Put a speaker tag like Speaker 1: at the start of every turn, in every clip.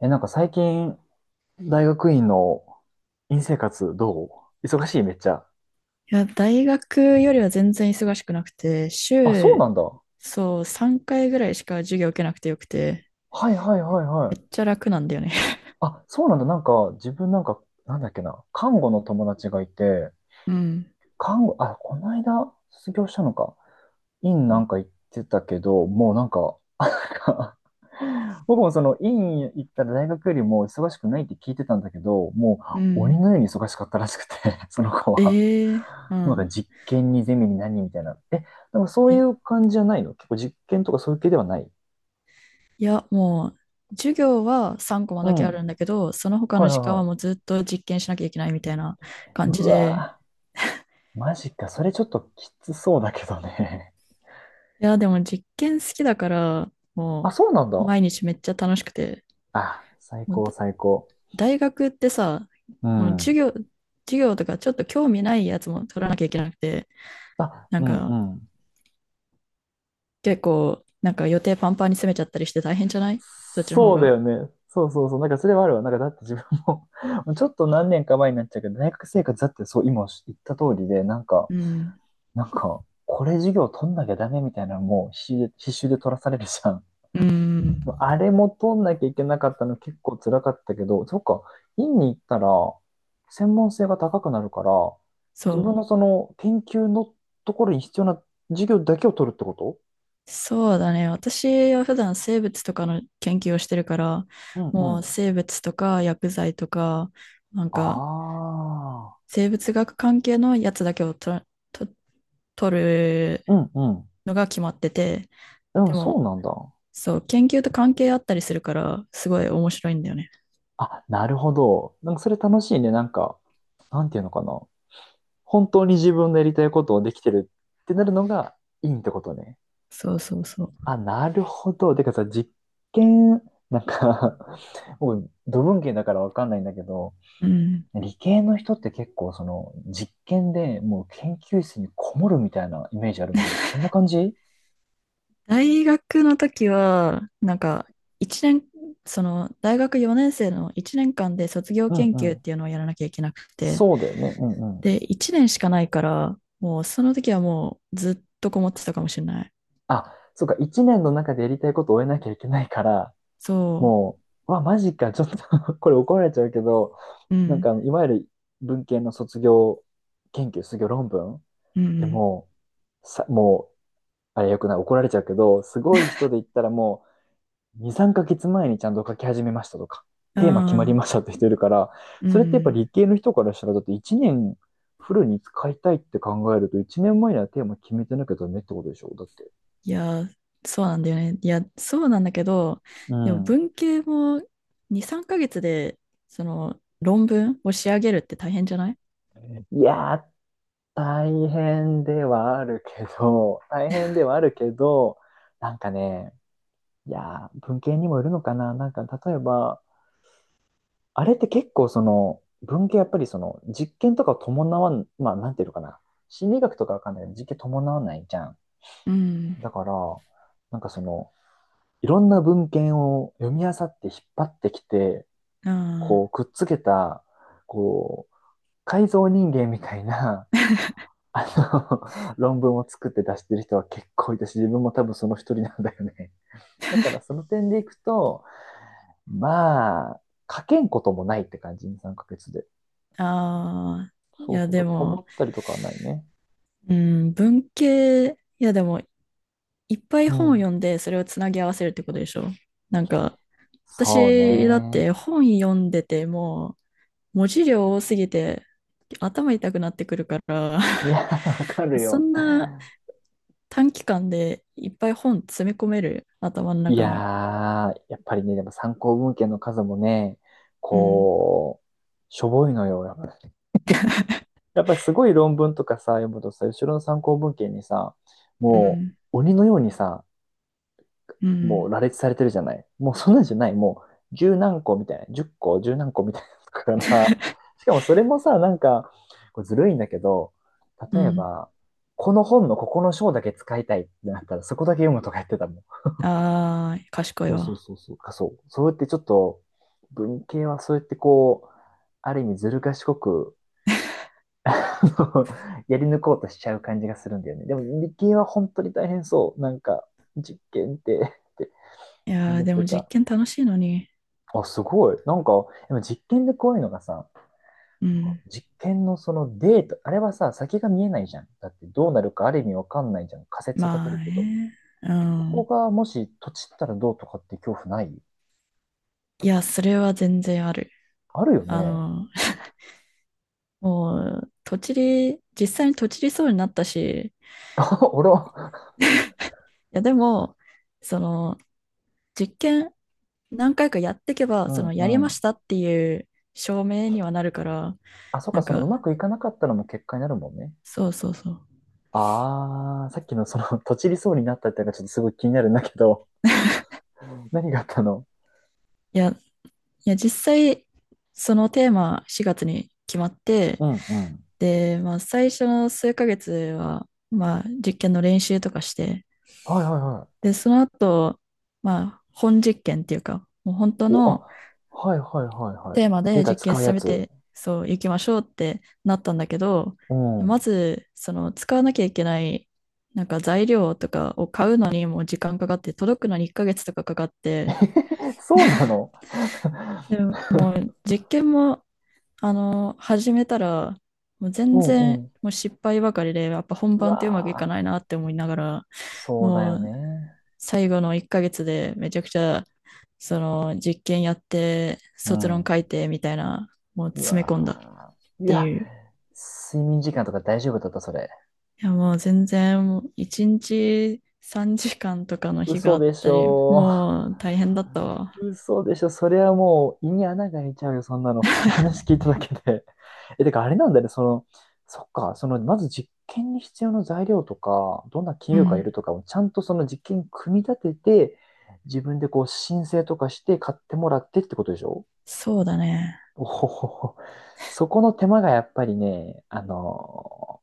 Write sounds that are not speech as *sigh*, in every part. Speaker 1: なんか最近、大学院の院生活う忙しいめっちゃ。
Speaker 2: いや、大学よりは全然忙しくなくて、
Speaker 1: あ、そう
Speaker 2: 週、
Speaker 1: なんだ。
Speaker 2: そう、3回ぐらいしか授業受けなくてよくて、
Speaker 1: はいはいはいは
Speaker 2: めっ
Speaker 1: い。
Speaker 2: ちゃ楽なんだよね。*laughs*
Speaker 1: あ、そうなんだ。なんか、自分なんか、なんだっけな。看護の友達がいて、
Speaker 2: うん。
Speaker 1: あ、この間、卒業したのか。インなんか行ってたけど、もうなんか、*laughs* 僕もそのイン行ったら大学よりも忙しくないって聞いてたんだけど、も
Speaker 2: う
Speaker 1: う鬼
Speaker 2: ん。
Speaker 1: のように忙しかったらしくて、*laughs* その子は。
Speaker 2: ええ、う
Speaker 1: もうなん
Speaker 2: ん。
Speaker 1: か実験にゼミに何みたいな。なんかそうい
Speaker 2: え、
Speaker 1: う感じじゃないの？結構実験とかそういう系ではない？
Speaker 2: いや、もう、授業は3コマ
Speaker 1: う
Speaker 2: だけあ
Speaker 1: ん。
Speaker 2: るんだけど、その他
Speaker 1: は
Speaker 2: の
Speaker 1: いは
Speaker 2: 時間
Speaker 1: いは
Speaker 2: はもう
Speaker 1: い。
Speaker 2: ずっと実験しなきゃいけないみたいな感
Speaker 1: う
Speaker 2: じで、
Speaker 1: わぁ、マジか。それちょっときつそうだけどね。
Speaker 2: いや、でも実験好きだから、
Speaker 1: *laughs* あ、
Speaker 2: も
Speaker 1: そうなん
Speaker 2: う、
Speaker 1: だ。
Speaker 2: 毎日めっちゃ楽しくて、
Speaker 1: あ、最
Speaker 2: もう
Speaker 1: 高最高。
Speaker 2: 大学ってさ、
Speaker 1: う
Speaker 2: もう授
Speaker 1: ん。
Speaker 2: 業、授業とかちょっと興味ないやつも取らなきゃいけなくて、
Speaker 1: あ、
Speaker 2: な
Speaker 1: う
Speaker 2: ん
Speaker 1: んう
Speaker 2: か
Speaker 1: ん。
Speaker 2: 結構、なんか予定パンパンに詰めちゃったりして大変じゃない、そっちの方
Speaker 1: そうだ
Speaker 2: が？
Speaker 1: よね。そうそうそう。なんかそれはあるわ。なんかだって自分も *laughs* ちょっと何年か前になっちゃうけど、大学生活だってそう今言った通りで、なんか、
Speaker 2: うん。
Speaker 1: なんか、これ授業取んなきゃダメみたいなのも必死で、必修で取らされるじゃん。
Speaker 2: うん。
Speaker 1: あれも取んなきゃいけなかったの結構辛かったけど、そっか、院に行ったら、専門性が高くなるから、自分
Speaker 2: そ
Speaker 1: のその研究のところに必要な授業だけを取るってこと？
Speaker 2: う。そうだね。私は普段生物とかの研究をしてるから、
Speaker 1: うんう
Speaker 2: もう
Speaker 1: ん。
Speaker 2: 生物とか薬剤とか、なん
Speaker 1: あ
Speaker 2: か
Speaker 1: あ、
Speaker 2: 生物学関係のやつだけをと、取る
Speaker 1: うんうん。
Speaker 2: のが決まってて、
Speaker 1: で
Speaker 2: で
Speaker 1: もそう
Speaker 2: も
Speaker 1: なんだ。
Speaker 2: そう、研究と関係あったりするから、すごい面白いんだよね。
Speaker 1: あ、なるほど。なんかそれ楽しいね。なんか、なんていうのかな。本当に自分のやりたいことをできてるってなるのがいいってことね。
Speaker 2: そうそうそう。
Speaker 1: あ、なるほど。てかさ、実験、なんか *laughs* 僕、土文系だからわかんないんだけど、
Speaker 2: うん。
Speaker 1: 理系の人って結構その実験でもう研究室にこもるみたいなイメージあるんだけど、そんな感じ？
Speaker 2: 大学の時は、なんか、一年、その、大学4年生の1年間で卒業
Speaker 1: うん
Speaker 2: 研
Speaker 1: う
Speaker 2: 究っ
Speaker 1: ん。
Speaker 2: ていうのをやらなきゃいけなくて、
Speaker 1: そうだよね。うんうん。
Speaker 2: で、1年しかないから、もうその時はもうずっとこもってたかもしれない。
Speaker 1: あ、そうか。一年の中でやりたいことを終えなきゃいけないから、
Speaker 2: そ
Speaker 1: もうわ、マジか、ちょっと *laughs* これ怒られちゃうけど、
Speaker 2: う。う
Speaker 1: なんか、
Speaker 2: ん。
Speaker 1: いわゆる文系の卒業研究、卒業論文
Speaker 2: う
Speaker 1: で
Speaker 2: ん。
Speaker 1: もう、あれよくない、怒られちゃうけど、すごい人で言ったらもう、2、3ヶ月前にちゃんと書き始めましたとか、
Speaker 2: う
Speaker 1: テーマ決
Speaker 2: ん。
Speaker 1: ま
Speaker 2: う
Speaker 1: り
Speaker 2: ん。
Speaker 1: ましたって人いるから、
Speaker 2: う
Speaker 1: それってやっぱ
Speaker 2: ん。
Speaker 1: 理系の人からしたら、だって1年フルに使いたいって考えると、1年前にはテーマ決めてなきゃダメってことでしょだって。
Speaker 2: いやー、そうなんだよね。いや、そうなんだけど、
Speaker 1: う
Speaker 2: でも
Speaker 1: ん。
Speaker 2: 文系も2、3ヶ月で、その論文を仕上げるって大変じゃない？
Speaker 1: いやー、大変ではあるけど、*laughs* 大変ではあるけど、なんかね、いやー、文系にもよるのかな。なんか、例えば、あれって結構その、文系やっぱりその、実験とかを伴わん、まあ、なんていうのかな。心理学とかわかんないけど、実験伴わないじゃん。
Speaker 2: うん。
Speaker 1: だから、なんかその、いろんな文献を読み漁って引っ張ってきて、
Speaker 2: うん。
Speaker 1: こ
Speaker 2: あ
Speaker 1: う、くっつけた、こう、改造人間みたいな、あの、*laughs* 論文を作って出してる人は結構いたし、自分も多分その一人なんだよね。だからその点でいくと、まあ、書けんこともないって感じ、に3ヶ月で。
Speaker 2: あ、い
Speaker 1: そう
Speaker 2: や、
Speaker 1: そう
Speaker 2: で
Speaker 1: だ、困
Speaker 2: も、
Speaker 1: ったりとかはないね。
Speaker 2: うん、文系、いや、でも、いっぱい
Speaker 1: う
Speaker 2: 本を
Speaker 1: ん。
Speaker 2: 読んで、それをつなぎ合わせるってことでしょ？なんか、
Speaker 1: そう
Speaker 2: 私だっ
Speaker 1: ね。
Speaker 2: て本読んでてもう、文字量多すぎて、頭痛くなってくるから
Speaker 1: いや、*laughs* わか
Speaker 2: *laughs*
Speaker 1: る
Speaker 2: そ
Speaker 1: よ。
Speaker 2: んな短期間でいっぱい本詰め込める、頭の
Speaker 1: い
Speaker 2: 中に？
Speaker 1: やー、やっぱりね、でも参考文献の数もね、
Speaker 2: うん、
Speaker 1: こう、しょぼいのよ、やっぱり。やっぱりすごい論文とかさ、読むとさ、後ろの参考文献にさ、
Speaker 2: う
Speaker 1: も
Speaker 2: ん、
Speaker 1: う鬼のようにさ、
Speaker 2: う
Speaker 1: もう
Speaker 2: ん
Speaker 1: 羅列されてるじゃない。もうそんなんじゃない。もう十何個みたいな。十個、十何個みたいなのから。
Speaker 2: *laughs*。
Speaker 1: *laughs* しかもそれもさ、なんか、これずるいんだけど、
Speaker 2: う
Speaker 1: 例え
Speaker 2: ん。
Speaker 1: ば、この本のここの章だけ使いたいってなったら、そこだけ読むとか言ってたもん。
Speaker 2: あー、賢い
Speaker 1: そうそう
Speaker 2: わ。
Speaker 1: そうそう。か、そう。そうやってちょっと、文系はそうやってこう、ある意味ずる賢く *laughs*、やり抜こうとしちゃう感じがするんだよね。でも理系は本当に大変そう。なんか、実験って、って
Speaker 2: いやー、
Speaker 1: 思っ
Speaker 2: で
Speaker 1: て
Speaker 2: も実
Speaker 1: た。
Speaker 2: 験楽しいのに。
Speaker 1: あ、すごい。なんか、でも実験でこういうのがさ、
Speaker 2: う
Speaker 1: なんか
Speaker 2: ん。
Speaker 1: 実験のそのデータ、あれはさ、先が見えないじゃん。だってどうなるかある意味わかんないじゃん。仮説を立て
Speaker 2: まあ
Speaker 1: るけど。
Speaker 2: ね。う
Speaker 1: そこ
Speaker 2: ん。
Speaker 1: がもし、とちったらどうとかって恐怖ない？
Speaker 2: いや、それは全然ある。
Speaker 1: あるよ
Speaker 2: あ
Speaker 1: ね。
Speaker 2: の、もう、とちり、実際にとちりそうになったし、
Speaker 1: *laughs* あら。
Speaker 2: いや、でも、その、実験何回かやっていけば、
Speaker 1: う
Speaker 2: そ
Speaker 1: ん
Speaker 2: の、やり
Speaker 1: う
Speaker 2: まし
Speaker 1: ん。
Speaker 2: たっていう証明にはなるから、
Speaker 1: あ、そっ
Speaker 2: な
Speaker 1: か、
Speaker 2: ん
Speaker 1: そのう
Speaker 2: か、
Speaker 1: まくいかなかったのも結果になるもんね。
Speaker 2: そうそうそう。
Speaker 1: あー、さっきのその、*laughs* とちりそうになったってのがちょっとすごい気になるんだけど、何があったの？
Speaker 2: いや、いや、実際、そのテーマ4月に決まって、
Speaker 1: うんうん。
Speaker 2: で、まあ、最初の数ヶ月は、まあ、実験の練習とかして、
Speaker 1: はいはいは
Speaker 2: で、その後、まあ、本実験っていうか、もう
Speaker 1: い。
Speaker 2: 本当
Speaker 1: お、
Speaker 2: の
Speaker 1: あ、はいはいはいはい。
Speaker 2: テーマ
Speaker 1: デー
Speaker 2: で
Speaker 1: タ
Speaker 2: 実験
Speaker 1: 使う
Speaker 2: 進
Speaker 1: や
Speaker 2: め
Speaker 1: つ。
Speaker 2: て、そう、行きましょうってなったんだけど、
Speaker 1: う
Speaker 2: ま
Speaker 1: ん。
Speaker 2: ず、その、使わなきゃいけない、なんか材料とかを買うのにも時間かかって、届くのに1ヶ月とかかかって、
Speaker 1: *laughs* そうなの？ *laughs*
Speaker 2: でも、もう実験も、あの、始めたら、もう
Speaker 1: う
Speaker 2: 全
Speaker 1: んう
Speaker 2: 然、
Speaker 1: ん。
Speaker 2: もう失敗ばかりで、やっぱ本
Speaker 1: う
Speaker 2: 番ってうまくいか
Speaker 1: わー、
Speaker 2: ないなって思いながら、
Speaker 1: そうだ
Speaker 2: も
Speaker 1: よ
Speaker 2: う
Speaker 1: ね。
Speaker 2: 最後の1ヶ月でめちゃくちゃ、その実験やって、
Speaker 1: う
Speaker 2: 卒
Speaker 1: ん。
Speaker 2: 論
Speaker 1: う
Speaker 2: 書いてみたいな、もう詰め込んだっ
Speaker 1: わー。い
Speaker 2: て
Speaker 1: や、
Speaker 2: いう。い
Speaker 1: 睡眠時間とか大丈夫だった、それ？
Speaker 2: や、もう全然、もう1日3時間とかの日が
Speaker 1: 嘘
Speaker 2: あっ
Speaker 1: でし
Speaker 2: たり、
Speaker 1: ょ
Speaker 2: もう大変だったわ。
Speaker 1: う *laughs* 嘘でしょ。それはもう胃に穴が開いちゃうよ、そんなの。*laughs* 話聞いただけで。*laughs* え、てかあれなんだね、その、そっか、その、まず実験に必要な材料とか、どんな企
Speaker 2: う
Speaker 1: 業がい
Speaker 2: ん。
Speaker 1: るとかをちゃんとその実験組み立てて、自分でこう申請とかして買ってもらってってことでしょ？
Speaker 2: そうだね。
Speaker 1: おほほほ。そこの手間がやっぱりね、あの、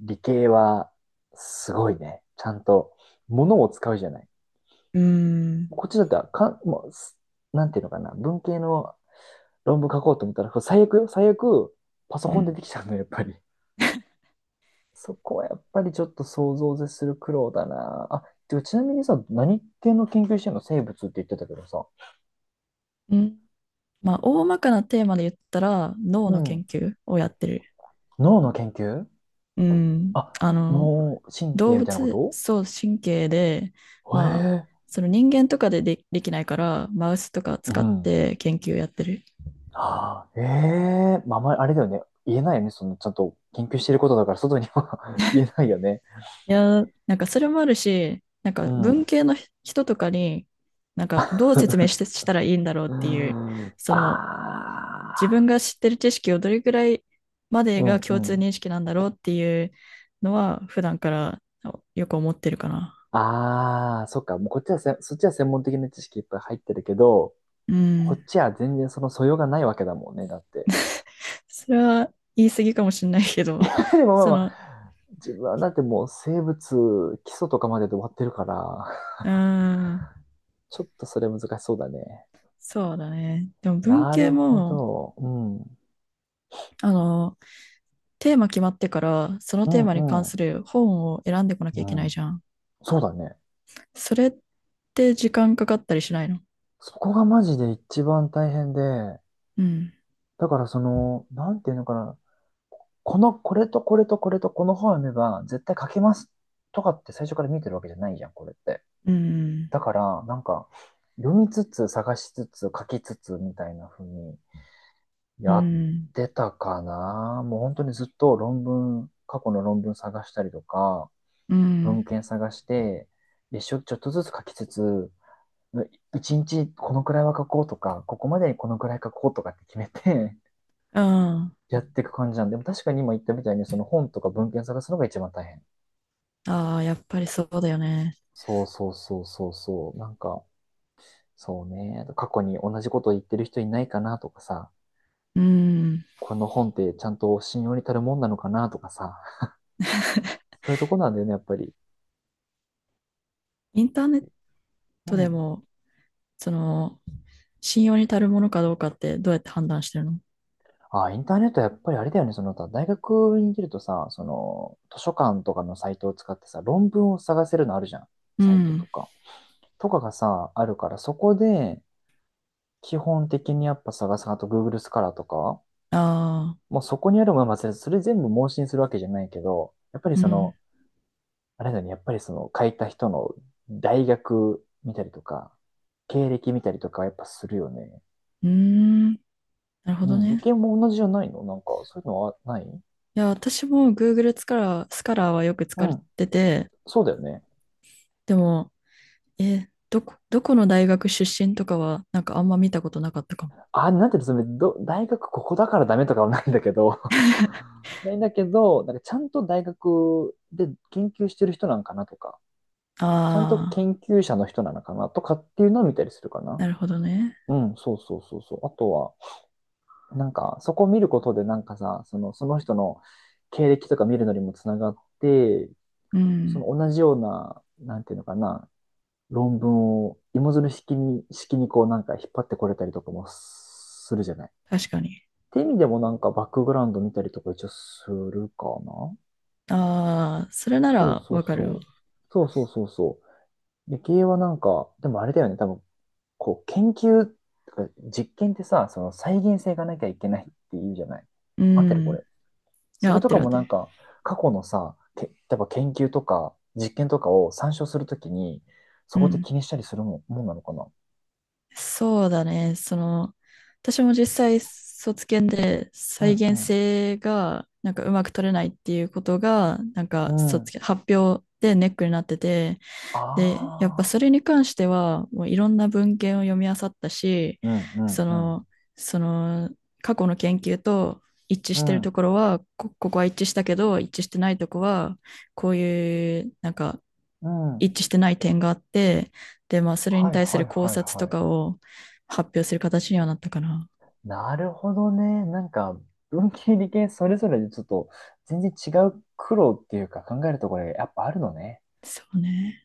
Speaker 1: 理系はすごいね。ちゃんと物を使うじゃない。
Speaker 2: うーん。
Speaker 1: こっちだったらかん、もうなんていうのかな、文系の論文書こうと思ったら、最悪よ、最悪、パソ
Speaker 2: う
Speaker 1: コンで
Speaker 2: ん。
Speaker 1: できちゃうの、やっぱり。*laughs* そこはやっぱりちょっと想像を絶する苦労だな。あ、てかちなみにさ、何系の研究してんの？生物って言ってたけどさ。
Speaker 2: うん。まあ、大まかなテーマで言ったら、脳
Speaker 1: う
Speaker 2: の研
Speaker 1: ん。
Speaker 2: 究をやってる。
Speaker 1: 脳の研究？
Speaker 2: うん。
Speaker 1: あ、
Speaker 2: あの、
Speaker 1: 脳神
Speaker 2: 動
Speaker 1: 経みたいなこ
Speaker 2: 物、
Speaker 1: と？
Speaker 2: そう、神経で、
Speaker 1: へ
Speaker 2: まあ、
Speaker 1: え。
Speaker 2: その人間とかで、で、きないから、マウスとか
Speaker 1: う
Speaker 2: 使っ
Speaker 1: ん。
Speaker 2: て研究やってる。
Speaker 1: ああ、ええまあ、あまりあれだよね。言えないよね。その、ちゃんと研究してることだから、外には *laughs* 言えないよね。
Speaker 2: いやー、なんかそれもあるし、なんか
Speaker 1: う
Speaker 2: 文
Speaker 1: ん。
Speaker 2: 系の人とかに、なんかどう説明して
Speaker 1: *laughs*
Speaker 2: したらいいんだろうっ
Speaker 1: うー
Speaker 2: ていう、
Speaker 1: ん。あ
Speaker 2: その自分
Speaker 1: あ。
Speaker 2: が知ってる知識をどれぐらいまで
Speaker 1: う
Speaker 2: が
Speaker 1: んう
Speaker 2: 共通
Speaker 1: ん。
Speaker 2: 認識なんだろうっていうのは、普段からよく思ってるかな。
Speaker 1: ああ、そっか。もうこっちはせ、そっちは専門的な知識いっぱい入ってるけど、
Speaker 2: う
Speaker 1: こっ
Speaker 2: ん。
Speaker 1: ちは全然その素養がないわけだもんね。だって。
Speaker 2: それは言い過ぎかもしれないけど、
Speaker 1: *laughs* でもまあ
Speaker 2: そ
Speaker 1: まあ、
Speaker 2: の、
Speaker 1: 自分はだってもう生物基礎とかまでで終わってるから、
Speaker 2: うーん、
Speaker 1: ちょっとそれ難しそうだね。
Speaker 2: そうだね。でも文
Speaker 1: な
Speaker 2: 系
Speaker 1: るほ
Speaker 2: も、
Speaker 1: ど。うん。
Speaker 2: あの、テーマ決まってから、その
Speaker 1: う
Speaker 2: テ
Speaker 1: ん
Speaker 2: ーマに関
Speaker 1: う
Speaker 2: す
Speaker 1: ん。
Speaker 2: る本を選んでこなき
Speaker 1: う
Speaker 2: ゃいけない
Speaker 1: ん。
Speaker 2: じゃん。
Speaker 1: そうだね。
Speaker 2: それって時間かかったりしないの？
Speaker 1: そこがマジで一番大変で、
Speaker 2: うん、
Speaker 1: だからその、なんていうのかな。この、これとこれとこれとこの本を読めば絶対書けますとかって最初から見てるわけじゃないじゃん、これって。
Speaker 2: うん、
Speaker 1: だから、なんか、読みつつ、探しつつ、書きつつ、みたいな風に
Speaker 2: う
Speaker 1: やっ
Speaker 2: ん、
Speaker 1: てたかな。もう本当にずっと論文、過去の論文探したりとか、
Speaker 2: う
Speaker 1: 文
Speaker 2: ん、
Speaker 1: 献探して、一生ちょっとずつ書きつつ、一日このくらいは書こうとか、ここまでにこのくらい書こうとかって決めて
Speaker 2: うん。
Speaker 1: *laughs* やっていく感じなんで、でも確かに今言ったみたいに、その本とか文献探すのが一番大変。
Speaker 2: ああ、やっぱりそうだよね。
Speaker 1: そうそうそうそうそう。なんか、そうね。過去に同じことを言ってる人いないかなとかさ、
Speaker 2: うん。
Speaker 1: この本ってちゃんと信用に足るもんなのかなとかさ、*laughs* そういうとこなんだよね、やっぱり。
Speaker 2: インターネッ
Speaker 1: う
Speaker 2: トで
Speaker 1: ん。
Speaker 2: も、その、信用に足るものかどうかってどうやって判断してるの？
Speaker 1: あ、インターネットはやっぱりあれだよね、その他、大学にいるとさ、その、図書館とかのサイトを使ってさ、論文を探せるのあるじゃん。
Speaker 2: う
Speaker 1: サイトと
Speaker 2: ん。
Speaker 1: か。とかがさ、あるから、そこで、基本的にやっぱ探す、あと Google スカラーとか、
Speaker 2: ああ。
Speaker 1: もうそこにあるものは忘れず、それ全部盲信するわけじゃないけど、やっぱり
Speaker 2: う
Speaker 1: そ
Speaker 2: ん。
Speaker 1: の、あれだね、やっぱりその書いた人の大学見たりとか、経歴見たりとかはやっぱするよね。
Speaker 2: うーん。なるほ
Speaker 1: う
Speaker 2: ど
Speaker 1: ん、理
Speaker 2: ね。
Speaker 1: 系も同じじゃないの？なんか、そういうのはない？
Speaker 2: いや、私も Google スカラーはよく使
Speaker 1: う
Speaker 2: っ
Speaker 1: ん、
Speaker 2: てて、
Speaker 1: そうだよね。
Speaker 2: でも、どこの大学出身とかは、なんかあんま見たことなかったかも。
Speaker 1: あ、なんていうの、それど、大学ここだからダメとかはないんだけど、*laughs* ないんだけど、なんかちゃんと大学で研究してる人なんかなとか、ちゃんと
Speaker 2: ああ、
Speaker 1: 研究者の人なのかなとかっていうのを見たりするかな。
Speaker 2: なるほどね。
Speaker 1: うん、そうそうそうそう。あとは、なんか、そこを見ることで、なんかさ、その、その人の経歴とか見るのにもつながって、
Speaker 2: う
Speaker 1: その
Speaker 2: ん。
Speaker 1: 同じような、なんていうのかな、論文を芋づる式にこうなんか引っ張ってこれたりとかもするじゃない。っ
Speaker 2: 確かに。
Speaker 1: て意味でもなんかバックグラウンド見たりとか一応するかな。
Speaker 2: ああ、それな
Speaker 1: そう
Speaker 2: ら
Speaker 1: そう
Speaker 2: わかるわ。
Speaker 1: そう。そうそうそうそう。理系はなんか、でもあれだよね、多分、こう、研究とか実験ってさ、その再現性がなきゃいけないっていうじゃない。
Speaker 2: う
Speaker 1: 合ってるこ
Speaker 2: ん。い
Speaker 1: れ？そ
Speaker 2: や、合
Speaker 1: れ
Speaker 2: っ
Speaker 1: と
Speaker 2: て
Speaker 1: か
Speaker 2: る合っ
Speaker 1: も
Speaker 2: て
Speaker 1: なん
Speaker 2: る。
Speaker 1: か、過去のさ、け、例えば研究とか実験とかを参照するときに、
Speaker 2: う
Speaker 1: そこって
Speaker 2: ん。
Speaker 1: 気にしたりするもん、もんなのかな？
Speaker 2: そうだね。その、私も実際卒検で
Speaker 1: う
Speaker 2: 再現
Speaker 1: ん
Speaker 2: 性がなんかうまく取れないっていうことが、なん
Speaker 1: う
Speaker 2: か
Speaker 1: ん。う
Speaker 2: 卒
Speaker 1: ん。
Speaker 2: 検、発表でネックになってて、
Speaker 1: あ
Speaker 2: で、やっぱ
Speaker 1: あ。
Speaker 2: それに関しては、もういろんな文献を読み漁ったし、
Speaker 1: うんうん
Speaker 2: そ
Speaker 1: うん。
Speaker 2: の、その、過去の研究と一致してるところは、ここは一致したけど、一致してないとこは、こういう、なんか、
Speaker 1: うん。うん。
Speaker 2: 一致してない点があって、で、まあ、それに
Speaker 1: はい
Speaker 2: 対す
Speaker 1: は
Speaker 2: る
Speaker 1: い
Speaker 2: 考
Speaker 1: はい
Speaker 2: 察と
Speaker 1: はい。
Speaker 2: かを発表する形にはなったかな。
Speaker 1: なるほどね。なんか、文系理系それぞれでちょっと全然違う苦労っていうか考えるところがやっぱあるのね。
Speaker 2: そうね。